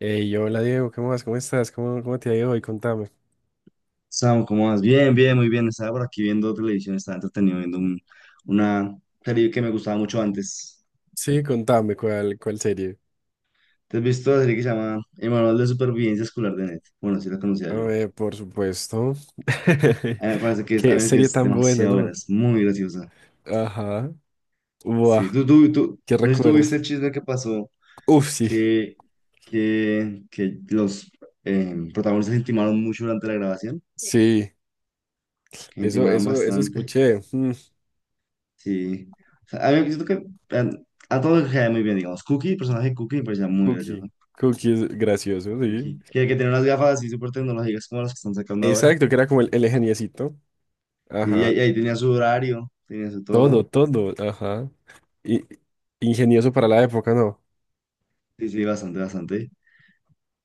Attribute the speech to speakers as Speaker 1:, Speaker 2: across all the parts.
Speaker 1: Hey, hola Diego, ¿qué más? ¿Cómo estás? ¿Cómo te ha ido hoy? Contame.
Speaker 2: Samu, ¿cómo vas? Bien, muy bien. Estaba por aquí viendo televisión, estaba entretenido viendo una serie que me gustaba mucho antes.
Speaker 1: Sí, contame, ¿cuál serie?
Speaker 2: ¿Te has visto la serie que se llama El Manual de Supervivencia Escolar de Net? Bueno, sí la conocía
Speaker 1: A
Speaker 2: yo.
Speaker 1: ver, por supuesto.
Speaker 2: A mí me parece
Speaker 1: Qué
Speaker 2: que
Speaker 1: serie
Speaker 2: es
Speaker 1: tan buena,
Speaker 2: demasiado buena,
Speaker 1: ¿no?
Speaker 2: es muy graciosa.
Speaker 1: Ajá. Buah,
Speaker 2: Sí, tú,
Speaker 1: ¿qué
Speaker 2: no sé si tuviste
Speaker 1: recuerdas?
Speaker 2: el chisme que pasó,
Speaker 1: Uf, sí,
Speaker 2: que, que los protagonistas intimaron mucho durante la grabación,
Speaker 1: sí.
Speaker 2: que
Speaker 1: Eso,
Speaker 2: intimaban
Speaker 1: eso, eso
Speaker 2: bastante.
Speaker 1: escuché.
Speaker 2: Sí, o sea, a mí me siento que... eh, A todos les caía muy bien, digamos. Cookie, el personaje de Cookie me parecía muy
Speaker 1: Cookie.
Speaker 2: gracioso.
Speaker 1: Cookie es gracioso, sí.
Speaker 2: Porque que tenía unas gafas así súper tecnológicas como las que están sacando ahora.
Speaker 1: Exacto, que era como el ingeniecito.
Speaker 2: Sí, y ahí,
Speaker 1: Ajá.
Speaker 2: y ahí tenía su horario, tenía su
Speaker 1: Todo,
Speaker 2: todo.
Speaker 1: todo, ajá. Y, ingenioso para la época, ¿no?
Speaker 2: Sí, sí, bastante, bastante.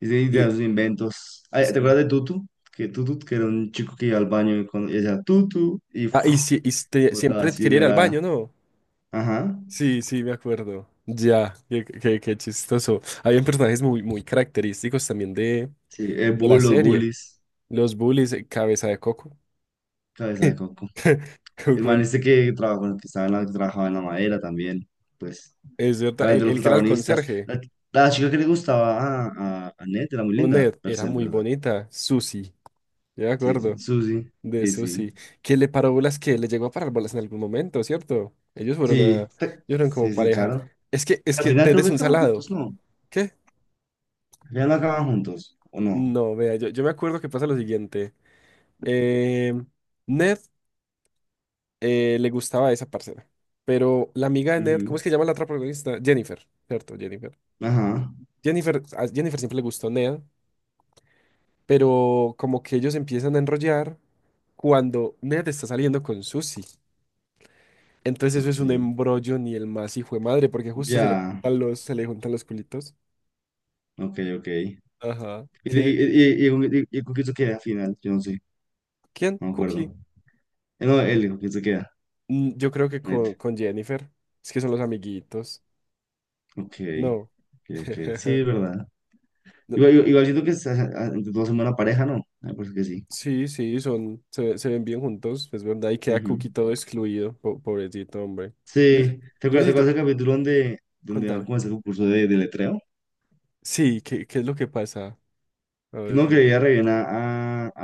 Speaker 2: Y sí,
Speaker 1: Y,
Speaker 2: tenía sus inventos. Ay, ¿te
Speaker 1: sí.
Speaker 2: acuerdas de Tutu? Que Tutu, que era un chico que iba al baño y, cuando decía Tutu y
Speaker 1: Ah, y,
Speaker 2: ¡fuf!
Speaker 1: si,
Speaker 2: Botaba
Speaker 1: siempre
Speaker 2: así,
Speaker 1: quería ir al baño,
Speaker 2: era.
Speaker 1: ¿no?
Speaker 2: Ajá.
Speaker 1: Sí, sí, me acuerdo. Ya, qué chistoso. Habían personajes muy característicos también
Speaker 2: Sí, el
Speaker 1: de la
Speaker 2: bull, los
Speaker 1: serie.
Speaker 2: bullies,
Speaker 1: Los bullies, cabeza de coco.
Speaker 2: cabeza de coco. El
Speaker 1: Coco,
Speaker 2: man este que trabajaba, bueno, que estaba en la, que trabajaba en la madera también. Pues,
Speaker 1: es verdad,
Speaker 2: obviamente los
Speaker 1: el que era el
Speaker 2: protagonistas.
Speaker 1: conserje,
Speaker 2: La chica que le gustaba a Ned era muy
Speaker 1: un
Speaker 2: linda,
Speaker 1: Ned,
Speaker 2: per
Speaker 1: era
Speaker 2: se, en
Speaker 1: muy
Speaker 2: verdad.
Speaker 1: bonita. Susie, yo me
Speaker 2: Sí, sí,
Speaker 1: acuerdo
Speaker 2: Susi,
Speaker 1: de
Speaker 2: sí, sí,
Speaker 1: Susie. Que le paró bolas, que le llegó a parar bolas en algún momento, ¿cierto? Ellos fueron a,
Speaker 2: sí,
Speaker 1: ellos
Speaker 2: te-
Speaker 1: fueron como
Speaker 2: sí, sí,
Speaker 1: pareja.
Speaker 2: claro.
Speaker 1: Es
Speaker 2: Al
Speaker 1: que
Speaker 2: final
Speaker 1: Ned
Speaker 2: creo que
Speaker 1: es un
Speaker 2: acaban
Speaker 1: salado.
Speaker 2: juntos, ¿no?
Speaker 1: ¿Qué?
Speaker 2: Al final no acaban juntos, ¿o no?
Speaker 1: No, vea, yo me acuerdo que pasa lo siguiente. Eh, Ned. Le gustaba a esa parcera. Pero la amiga de Ned, ¿cómo
Speaker 2: Ujú.
Speaker 1: es que se llama la otra protagonista? Jennifer, ¿cierto? Jennifer.
Speaker 2: Ajá,
Speaker 1: Jennifer, a Jennifer siempre le gustó Ned, pero como que ellos empiezan a enrollar cuando Ned está saliendo con Susie. Entonces eso es
Speaker 2: ok,
Speaker 1: un embrollo ni el más hijo de madre, porque justo se le
Speaker 2: ya,
Speaker 1: juntan los, se le juntan los culitos.
Speaker 2: ok, ok. ¿Y,
Speaker 1: Ajá. ¿Qué?
Speaker 2: con y con quién se queda al final? Yo no sé,
Speaker 1: ¿Quién?
Speaker 2: no me
Speaker 1: Cookie.
Speaker 2: acuerdo. No, él, ¿con quién se queda?
Speaker 1: Yo creo que
Speaker 2: Net,
Speaker 1: con Jennifer. Es que son los amiguitos.
Speaker 2: ok,
Speaker 1: No.
Speaker 2: ok, ok, sí, es verdad. Igual, igual, igual siento que se hace- a- entre todos son buena pareja, ¿no? Me parece que sí.
Speaker 1: Sí, sí, son, se ven bien juntos, es verdad, y queda
Speaker 2: Ujú.
Speaker 1: Cookie todo excluido, pobrecito, hombre. Yo,
Speaker 2: Sí, ¿te
Speaker 1: yo
Speaker 2: acuerdas, te
Speaker 1: sí, tú-
Speaker 2: acuerdas del capítulo donde, donde van
Speaker 1: contame.
Speaker 2: como a ese concurso de letreo?
Speaker 1: Sí, ¿qué es lo que pasa? A ver,
Speaker 2: No, que
Speaker 1: yo.
Speaker 2: veía re bien a,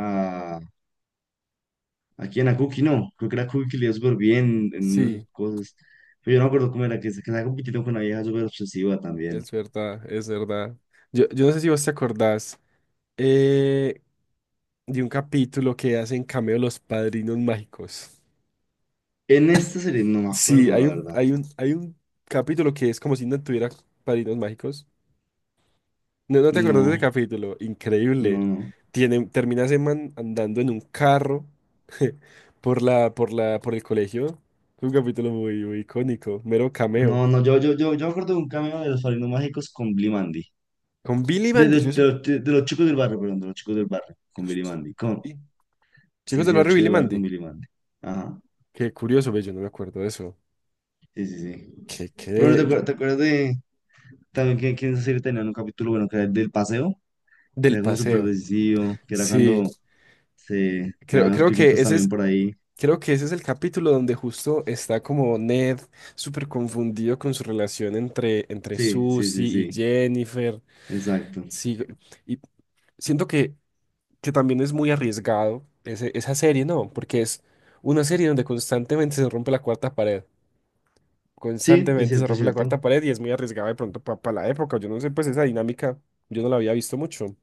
Speaker 2: a, a quién, a Cookie, no. Creo que era Cookie que le iba súper bien en esas
Speaker 1: Sí,
Speaker 2: cosas. Pero yo no me acuerdo cómo era, que se que estaba compitiendo con una vieja súper obsesiva también.
Speaker 1: es verdad, es verdad. Yo no sé si vos te acordás eh, de un capítulo que hacen cameo los padrinos mágicos.
Speaker 2: En esta serie no me
Speaker 1: Sí,
Speaker 2: acuerdo, la verdad.
Speaker 1: hay un capítulo que es como si no tuviera padrinos mágicos. No, no te acuerdas de ese
Speaker 2: No,
Speaker 1: capítulo,
Speaker 2: no,
Speaker 1: increíble.
Speaker 2: no.
Speaker 1: Tiene, termina ese man andando en un carro por por el colegio. Un capítulo muy icónico, mero cameo.
Speaker 2: No, no, yo me acuerdo de un cameo de los Padrinos Mágicos con Billy Mandy.
Speaker 1: Con Billy
Speaker 2: De,
Speaker 1: Mandy,
Speaker 2: de, de, los de los chicos del barrio, perdón, de los chicos del barrio, con Billy Mandy. Con,
Speaker 1: Sí.
Speaker 2: sí,
Speaker 1: Chicos del
Speaker 2: sí, los
Speaker 1: barrio
Speaker 2: chicos
Speaker 1: Billy
Speaker 2: del barrio con
Speaker 1: Mandy.
Speaker 2: Billy Mandy. Ajá,
Speaker 1: Qué curioso, ve, yo no me acuerdo de eso.
Speaker 2: sí, sí, sí.
Speaker 1: Que,
Speaker 2: Pero bueno, ¿te
Speaker 1: que, yo-
Speaker 2: acuer- te acuerdas, de también que en esa serie tenían un capítulo, bueno, que era el del paseo? Que
Speaker 1: del
Speaker 2: era como súper
Speaker 1: paseo.
Speaker 2: decisivo, que era
Speaker 1: Sí,
Speaker 2: cuando se
Speaker 1: creo,
Speaker 2: daban los
Speaker 1: creo que
Speaker 2: piquitos
Speaker 1: ese
Speaker 2: también
Speaker 1: es,
Speaker 2: por ahí.
Speaker 1: creo que ese es el capítulo donde justo está como Ned súper confundido con su relación entre
Speaker 2: Sí, sí, sí,
Speaker 1: Susie y
Speaker 2: sí,
Speaker 1: Jennifer.
Speaker 2: exacto.
Speaker 1: Sí, y siento que también es muy arriesgado esa serie, ¿no? Porque es una serie donde constantemente se rompe la cuarta pared,
Speaker 2: Sí, es
Speaker 1: constantemente se
Speaker 2: cierto, es
Speaker 1: rompe la
Speaker 2: cierto.
Speaker 1: cuarta pared y es muy arriesgada de pronto para la época. Yo no sé, pues esa dinámica yo no la había visto mucho.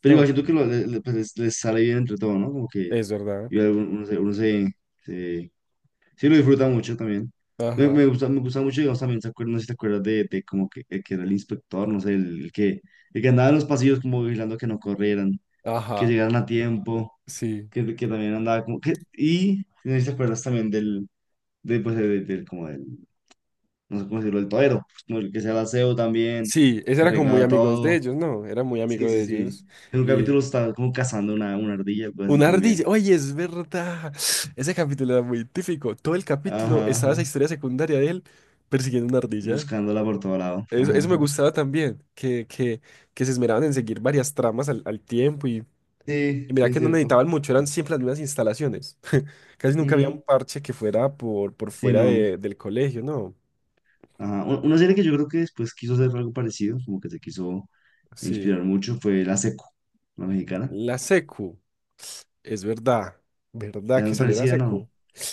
Speaker 2: Pero igual
Speaker 1: No,
Speaker 2: siento que pues, les sale bien entre todo, ¿no? Como que
Speaker 1: es verdad.
Speaker 2: igual uno se- sí lo disfruta mucho también. Me,
Speaker 1: Ajá,
Speaker 2: me gusta, me gusta mucho, digamos, también, ¿te acuer- no sé si te acuerdas de como que, el que era el inspector, no sé, el que, el que andaba en los pasillos como vigilando que no corrieran, que
Speaker 1: ajá,
Speaker 2: llegaran a tiempo,
Speaker 1: sí.
Speaker 2: que también andaba como que... Y no sé si te acuerdas también del, de, pues, como del, no sé cómo decirlo, el torero, pues, como el que se el aseo también,
Speaker 1: Sí, ese
Speaker 2: que
Speaker 1: era como muy
Speaker 2: arreglaba
Speaker 1: amigos de
Speaker 2: todo.
Speaker 1: ellos, ¿no? Era muy amigo
Speaker 2: Sí, sí,
Speaker 1: de
Speaker 2: sí.
Speaker 1: ellos
Speaker 2: En un capítulo estaba como cazando una ardilla, algo así
Speaker 1: Una
Speaker 2: también.
Speaker 1: ardilla. Oye, es verdad. Ese capítulo era muy típico. Todo el capítulo
Speaker 2: Ajá,
Speaker 1: estaba esa
Speaker 2: ajá.
Speaker 1: historia secundaria de él persiguiendo una ardilla.
Speaker 2: Buscándola por todo lado.
Speaker 1: Eso,
Speaker 2: Ajá,
Speaker 1: eso me
Speaker 2: ajá.
Speaker 1: gustaba también, que se esmeraban en seguir varias tramas al tiempo
Speaker 2: Sí,
Speaker 1: y
Speaker 2: sí,
Speaker 1: mira
Speaker 2: es
Speaker 1: que no
Speaker 2: cierto.
Speaker 1: necesitaban mucho, eran siempre las mismas instalaciones. Casi nunca había un
Speaker 2: Ujú.
Speaker 1: parche que fuera por
Speaker 2: Sí,
Speaker 1: fuera
Speaker 2: no.
Speaker 1: del colegio, ¿no?
Speaker 2: Ajá. U- Una serie que yo creo que después quiso hacer algo parecido, como que se quiso
Speaker 1: Sí.
Speaker 2: inspirar mucho, fue La Seco, la mexicana.
Speaker 1: La secu, es verdad, verdad
Speaker 2: Era
Speaker 1: que
Speaker 2: muy
Speaker 1: salió la
Speaker 2: parecida, ¿no?
Speaker 1: secu.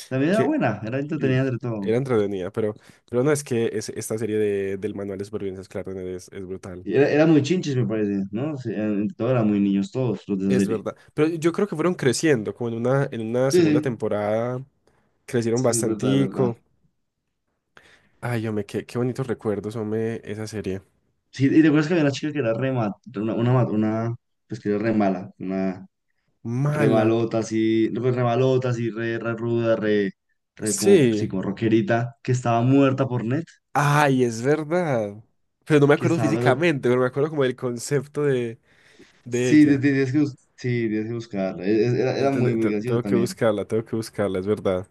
Speaker 2: También era
Speaker 1: Que
Speaker 2: buena, era entretenida
Speaker 1: Sí,
Speaker 2: entre todo.
Speaker 1: era entretenida, pero no es que esta serie de, del manual de supervivencia escolar es brutal.
Speaker 2: Era muy chinches, me parece, ¿no? Sí, eran- entre todos eran muy niños, todos los de esa
Speaker 1: Es
Speaker 2: serie.
Speaker 1: verdad. Pero yo creo que fueron creciendo, como en una
Speaker 2: Sí,
Speaker 1: segunda
Speaker 2: sí,
Speaker 1: temporada crecieron
Speaker 2: sí, es verdad, es verdad.
Speaker 1: bastantico. Ay, hombre, qué bonitos recuerdos, hombre, esa serie.
Speaker 2: Sí, y recuerdas que había una chica que era re ma- una, ma- una, pues que era re mala, una re
Speaker 1: Mala.
Speaker 2: malota, así, no, pues re malota, así, re, re ruda, re, re como, sí,
Speaker 1: Sí.
Speaker 2: como rockerita, que estaba muerta por net,
Speaker 1: Ay, es verdad. Pero no me
Speaker 2: que
Speaker 1: acuerdo
Speaker 2: estaba, pero
Speaker 1: físicamente, pero me acuerdo como del concepto de
Speaker 2: sí,
Speaker 1: ella.
Speaker 2: tienes que, sí, tienes que buscarla. Era, era muy, muy gracioso también.
Speaker 1: Tengo que buscarla, es verdad.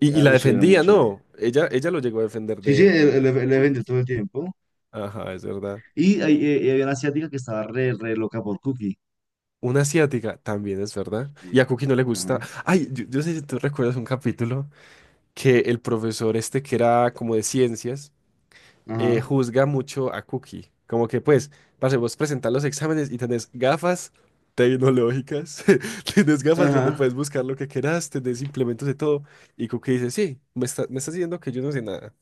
Speaker 1: Y
Speaker 2: A
Speaker 1: la
Speaker 2: veces era muy
Speaker 1: defendía,
Speaker 2: chévere.
Speaker 1: ¿no? Ella lo llegó a defender
Speaker 2: Sí, sí,
Speaker 1: de
Speaker 2: el evento
Speaker 1: bullies.
Speaker 2: todo el tiempo.
Speaker 1: Ajá, es verdad.
Speaker 2: Y, había una asiática que estaba re, re loca por Cookie.
Speaker 1: Una asiática también es verdad. Y a
Speaker 2: Sí.
Speaker 1: Cookie no le gusta.
Speaker 2: Ajá,
Speaker 1: Ay, yo sé si tú recuerdas un capítulo que el profesor este que era como de ciencias
Speaker 2: ajá,
Speaker 1: juzga mucho a Cookie. Como que pues, parce, vos presentar los exámenes y tenés gafas tecnológicas, tenés gafas donde
Speaker 2: ajá.
Speaker 1: puedes buscar lo que quieras, tenés implementos de todo. Y Cookie dice, sí, me estás diciendo que yo no sé nada.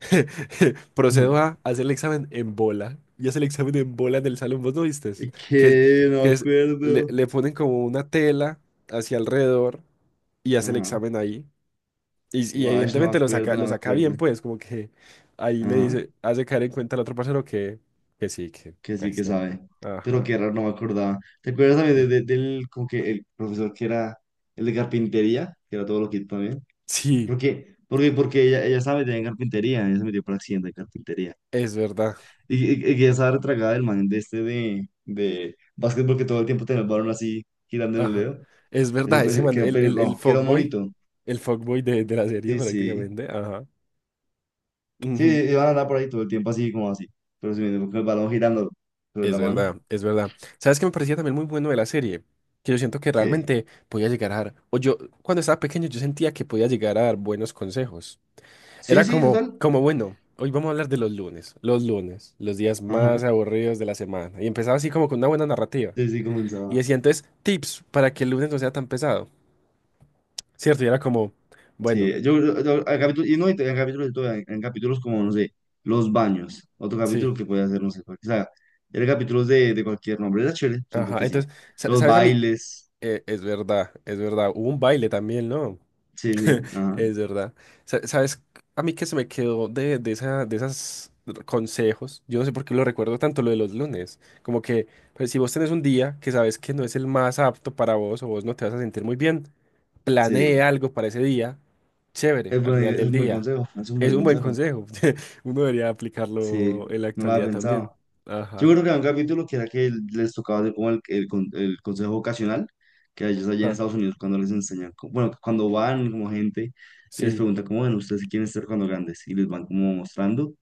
Speaker 1: Procedo
Speaker 2: Ajá.
Speaker 1: a hacer el examen en bola. Y hace el examen en bola en el salón, ¿vos no vistes? Que,
Speaker 2: Que no me
Speaker 1: que es, le,
Speaker 2: acuerdo.
Speaker 1: le ponen como una tela hacia alrededor y hace el
Speaker 2: Ajá.
Speaker 1: examen ahí. Y
Speaker 2: Wash, no me
Speaker 1: evidentemente
Speaker 2: acuerdo, no
Speaker 1: lo
Speaker 2: me
Speaker 1: saca
Speaker 2: acuerdo.
Speaker 1: bien, pues, como que ahí le
Speaker 2: Ajá.
Speaker 1: dice, hace caer en cuenta al otro parcero que sí, que
Speaker 2: Que sí
Speaker 1: pues
Speaker 2: que
Speaker 1: no.
Speaker 2: sabe. Pero
Speaker 1: Ajá.
Speaker 2: qué raro, no me acordaba. ¿Te acuerdas también de-
Speaker 1: Sí,
Speaker 2: de- del, como que el profesor que era el de carpintería? Que era todo loquito también.
Speaker 1: Sí,
Speaker 2: Porque ella, ella sabe de carpintería. Ella se metió por accidente de carpintería.
Speaker 1: es verdad.
Speaker 2: Y que esa retragada del man de este de básquetbol que todo el tiempo tenía el balón así girando en el
Speaker 1: Ajá.
Speaker 2: dedo.
Speaker 1: Es
Speaker 2: Ese,
Speaker 1: verdad,
Speaker 2: pues,
Speaker 1: ese
Speaker 2: que
Speaker 1: man,
Speaker 2: era un pelirrojo, que era un monito.
Speaker 1: el fuckboy de la serie
Speaker 2: Sí, sí.
Speaker 1: prácticamente. Ajá.
Speaker 2: Sí,
Speaker 1: Ujú.
Speaker 2: iban a andar por ahí todo el tiempo así como así. Pero sí, con el balón girando sobre
Speaker 1: Es
Speaker 2: la
Speaker 1: verdad,
Speaker 2: mano.
Speaker 1: es verdad. ¿Sabes qué me parecía también muy bueno de la serie? Que yo siento que
Speaker 2: ¿Qué?
Speaker 1: realmente podía llegar a dar, o yo cuando estaba pequeño yo sentía que podía llegar a dar buenos consejos.
Speaker 2: Sí,
Speaker 1: Era
Speaker 2: sí,
Speaker 1: como,
Speaker 2: total.
Speaker 1: como bueno, hoy vamos a hablar de los lunes, los lunes, los días
Speaker 2: Ajá.
Speaker 1: más aburridos de la semana. Y empezaba así como con una buena narrativa.
Speaker 2: Sí, sí,
Speaker 1: Y
Speaker 2: comenzaba.
Speaker 1: decía entonces tips para que el lunes no sea tan pesado, ¿cierto? Y era como, bueno,
Speaker 2: Sí, yo hay capítulos, y no, y en capítulos, y todo, en capítulos como, no sé, los baños. Otro capítulo
Speaker 1: sí,
Speaker 2: que puede hacer, no sé, cual- o sea, era capítulos de cualquier nombre. Era chévere, siento
Speaker 1: ajá.
Speaker 2: que sí.
Speaker 1: Entonces,
Speaker 2: Los
Speaker 1: ¿sabes a mí?
Speaker 2: bailes.
Speaker 1: Es verdad, es verdad. Hubo un baile también, ¿no?
Speaker 2: Sí, sí, ajá.
Speaker 1: Es verdad. ¿Sabes? A mí que se me quedó de esa, de esas consejos. Yo no sé por qué lo recuerdo tanto lo de los lunes. Como que pues, si vos tenés un día que sabes que no es el más apto para vos o vos no te vas a sentir muy bien, planee
Speaker 2: Sí,
Speaker 1: algo para ese día. Chévere,
Speaker 2: es,
Speaker 1: al final
Speaker 2: es
Speaker 1: del
Speaker 2: un buen
Speaker 1: día.
Speaker 2: consejo, es un
Speaker 1: Es
Speaker 2: buen
Speaker 1: un buen
Speaker 2: consejo.
Speaker 1: consejo. Uno debería
Speaker 2: Sí,
Speaker 1: aplicarlo en la
Speaker 2: no lo había
Speaker 1: actualidad también.
Speaker 2: pensado. Yo
Speaker 1: Ajá.
Speaker 2: creo que había un capítulo que era que les tocaba hacer como el consejo vocacional, que a ellos allá en
Speaker 1: Ah,
Speaker 2: Estados Unidos cuando les enseñan, co- bueno, cuando van como gente y les
Speaker 1: sí.
Speaker 2: preguntan como, bueno, ¿ustedes qué quieren ser cuando grandes? Y les van como mostrando.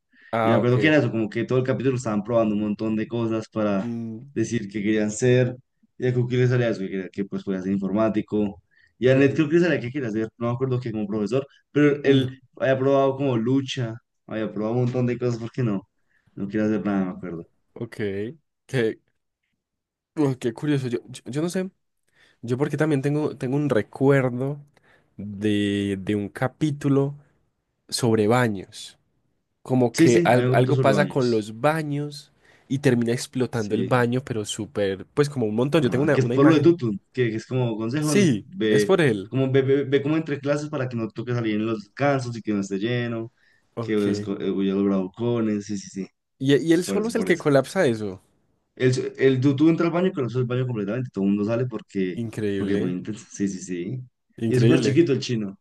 Speaker 2: Y me
Speaker 1: Ah,
Speaker 2: acuerdo que
Speaker 1: ok.
Speaker 2: era eso, como que todo el capítulo estaban probando un montón de cosas para
Speaker 1: Mm,
Speaker 2: decir qué querían ser. Y a Cookie le salía eso, que, quería- que pues podía ser informático. Y a Ned
Speaker 1: ujú.
Speaker 2: creo que le salía que quería ser, no me acuerdo que como profesor, pero
Speaker 1: Mm,
Speaker 2: él había probado como lucha, había probado un montón de cosas, ¿por qué no? No quiere hacer nada, me acuerdo.
Speaker 1: ok. Qué, qué curioso. Yo no sé. Yo porque también tengo, tengo un recuerdo de un capítulo sobre baños. Como
Speaker 2: Sí,
Speaker 1: que
Speaker 2: sí, hay un capítulo
Speaker 1: algo
Speaker 2: sobre
Speaker 1: pasa con
Speaker 2: baños.
Speaker 1: los baños y termina explotando el
Speaker 2: Sí.
Speaker 1: baño, pero súper, pues como un montón. Yo tengo
Speaker 2: Ajá. Que es
Speaker 1: una
Speaker 2: por lo de
Speaker 1: imagen.
Speaker 2: Tutu, que es como consejo,
Speaker 1: Sí, es
Speaker 2: ve
Speaker 1: por él.
Speaker 2: como, ve como entre clases para que no toque salir en los descansos y que no esté lleno, que
Speaker 1: Ok.
Speaker 2: esco- huya los bravucones, sí, sí, sí.
Speaker 1: Y
Speaker 2: Es
Speaker 1: él
Speaker 2: por
Speaker 1: solo
Speaker 2: eso,
Speaker 1: es el
Speaker 2: por
Speaker 1: que
Speaker 2: eso.
Speaker 1: colapsa eso.
Speaker 2: El, el Tutu entra al baño y conoce el baño completamente, todo el mundo sale porque, porque es
Speaker 1: Increíble,
Speaker 2: muy intenso. Sí, sí, sí. Y es súper
Speaker 1: increíble.
Speaker 2: chiquito el chino.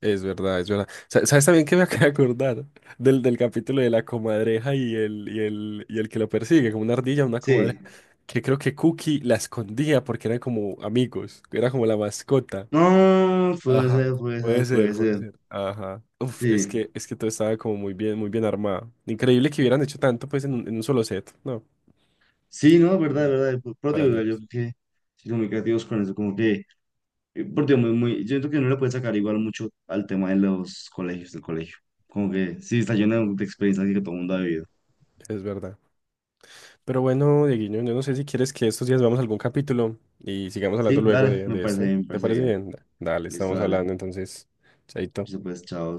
Speaker 1: Es verdad, es verdad. ¿Sabes también que me acabo de acordar del, del capítulo de la comadreja y el, y el, y el que lo persigue, como una ardilla, una comadreja?
Speaker 2: Sí.
Speaker 1: Que creo que Cookie la escondía porque eran como amigos, era como la mascota.
Speaker 2: No, puede
Speaker 1: Ajá.
Speaker 2: ser, puede
Speaker 1: Puede
Speaker 2: ser,
Speaker 1: ser,
Speaker 2: puede
Speaker 1: puede
Speaker 2: ser.
Speaker 1: ser. Ajá. Uf,
Speaker 2: Sí.
Speaker 1: es que todo estaba como muy bien armado. Increíble que hubieran hecho tanto pues en un solo set, ¿no?
Speaker 2: Sí, no, es
Speaker 1: Sí.
Speaker 2: verdad, es verdad. Pero te
Speaker 1: Para
Speaker 2: digo, yo
Speaker 1: niños.
Speaker 2: creo que... significativos con eso, como que Porque muy, muy, yo siento que no le puede sacar igual mucho al tema de los colegios, del colegio. Como que sí, está lleno de experiencias que todo el mundo ha vivido.
Speaker 1: Es verdad. Pero bueno, Dieguiño, yo no sé si quieres que estos días veamos algún capítulo y sigamos hablando
Speaker 2: Sí,
Speaker 1: luego
Speaker 2: dale, me
Speaker 1: de
Speaker 2: parece
Speaker 1: esto.
Speaker 2: bien, me
Speaker 1: ¿Te
Speaker 2: parece
Speaker 1: parece
Speaker 2: bien.
Speaker 1: bien? Dale,
Speaker 2: Listo,
Speaker 1: estamos
Speaker 2: dale.
Speaker 1: hablando entonces.
Speaker 2: Listo,
Speaker 1: Chaito.
Speaker 2: pues, chao.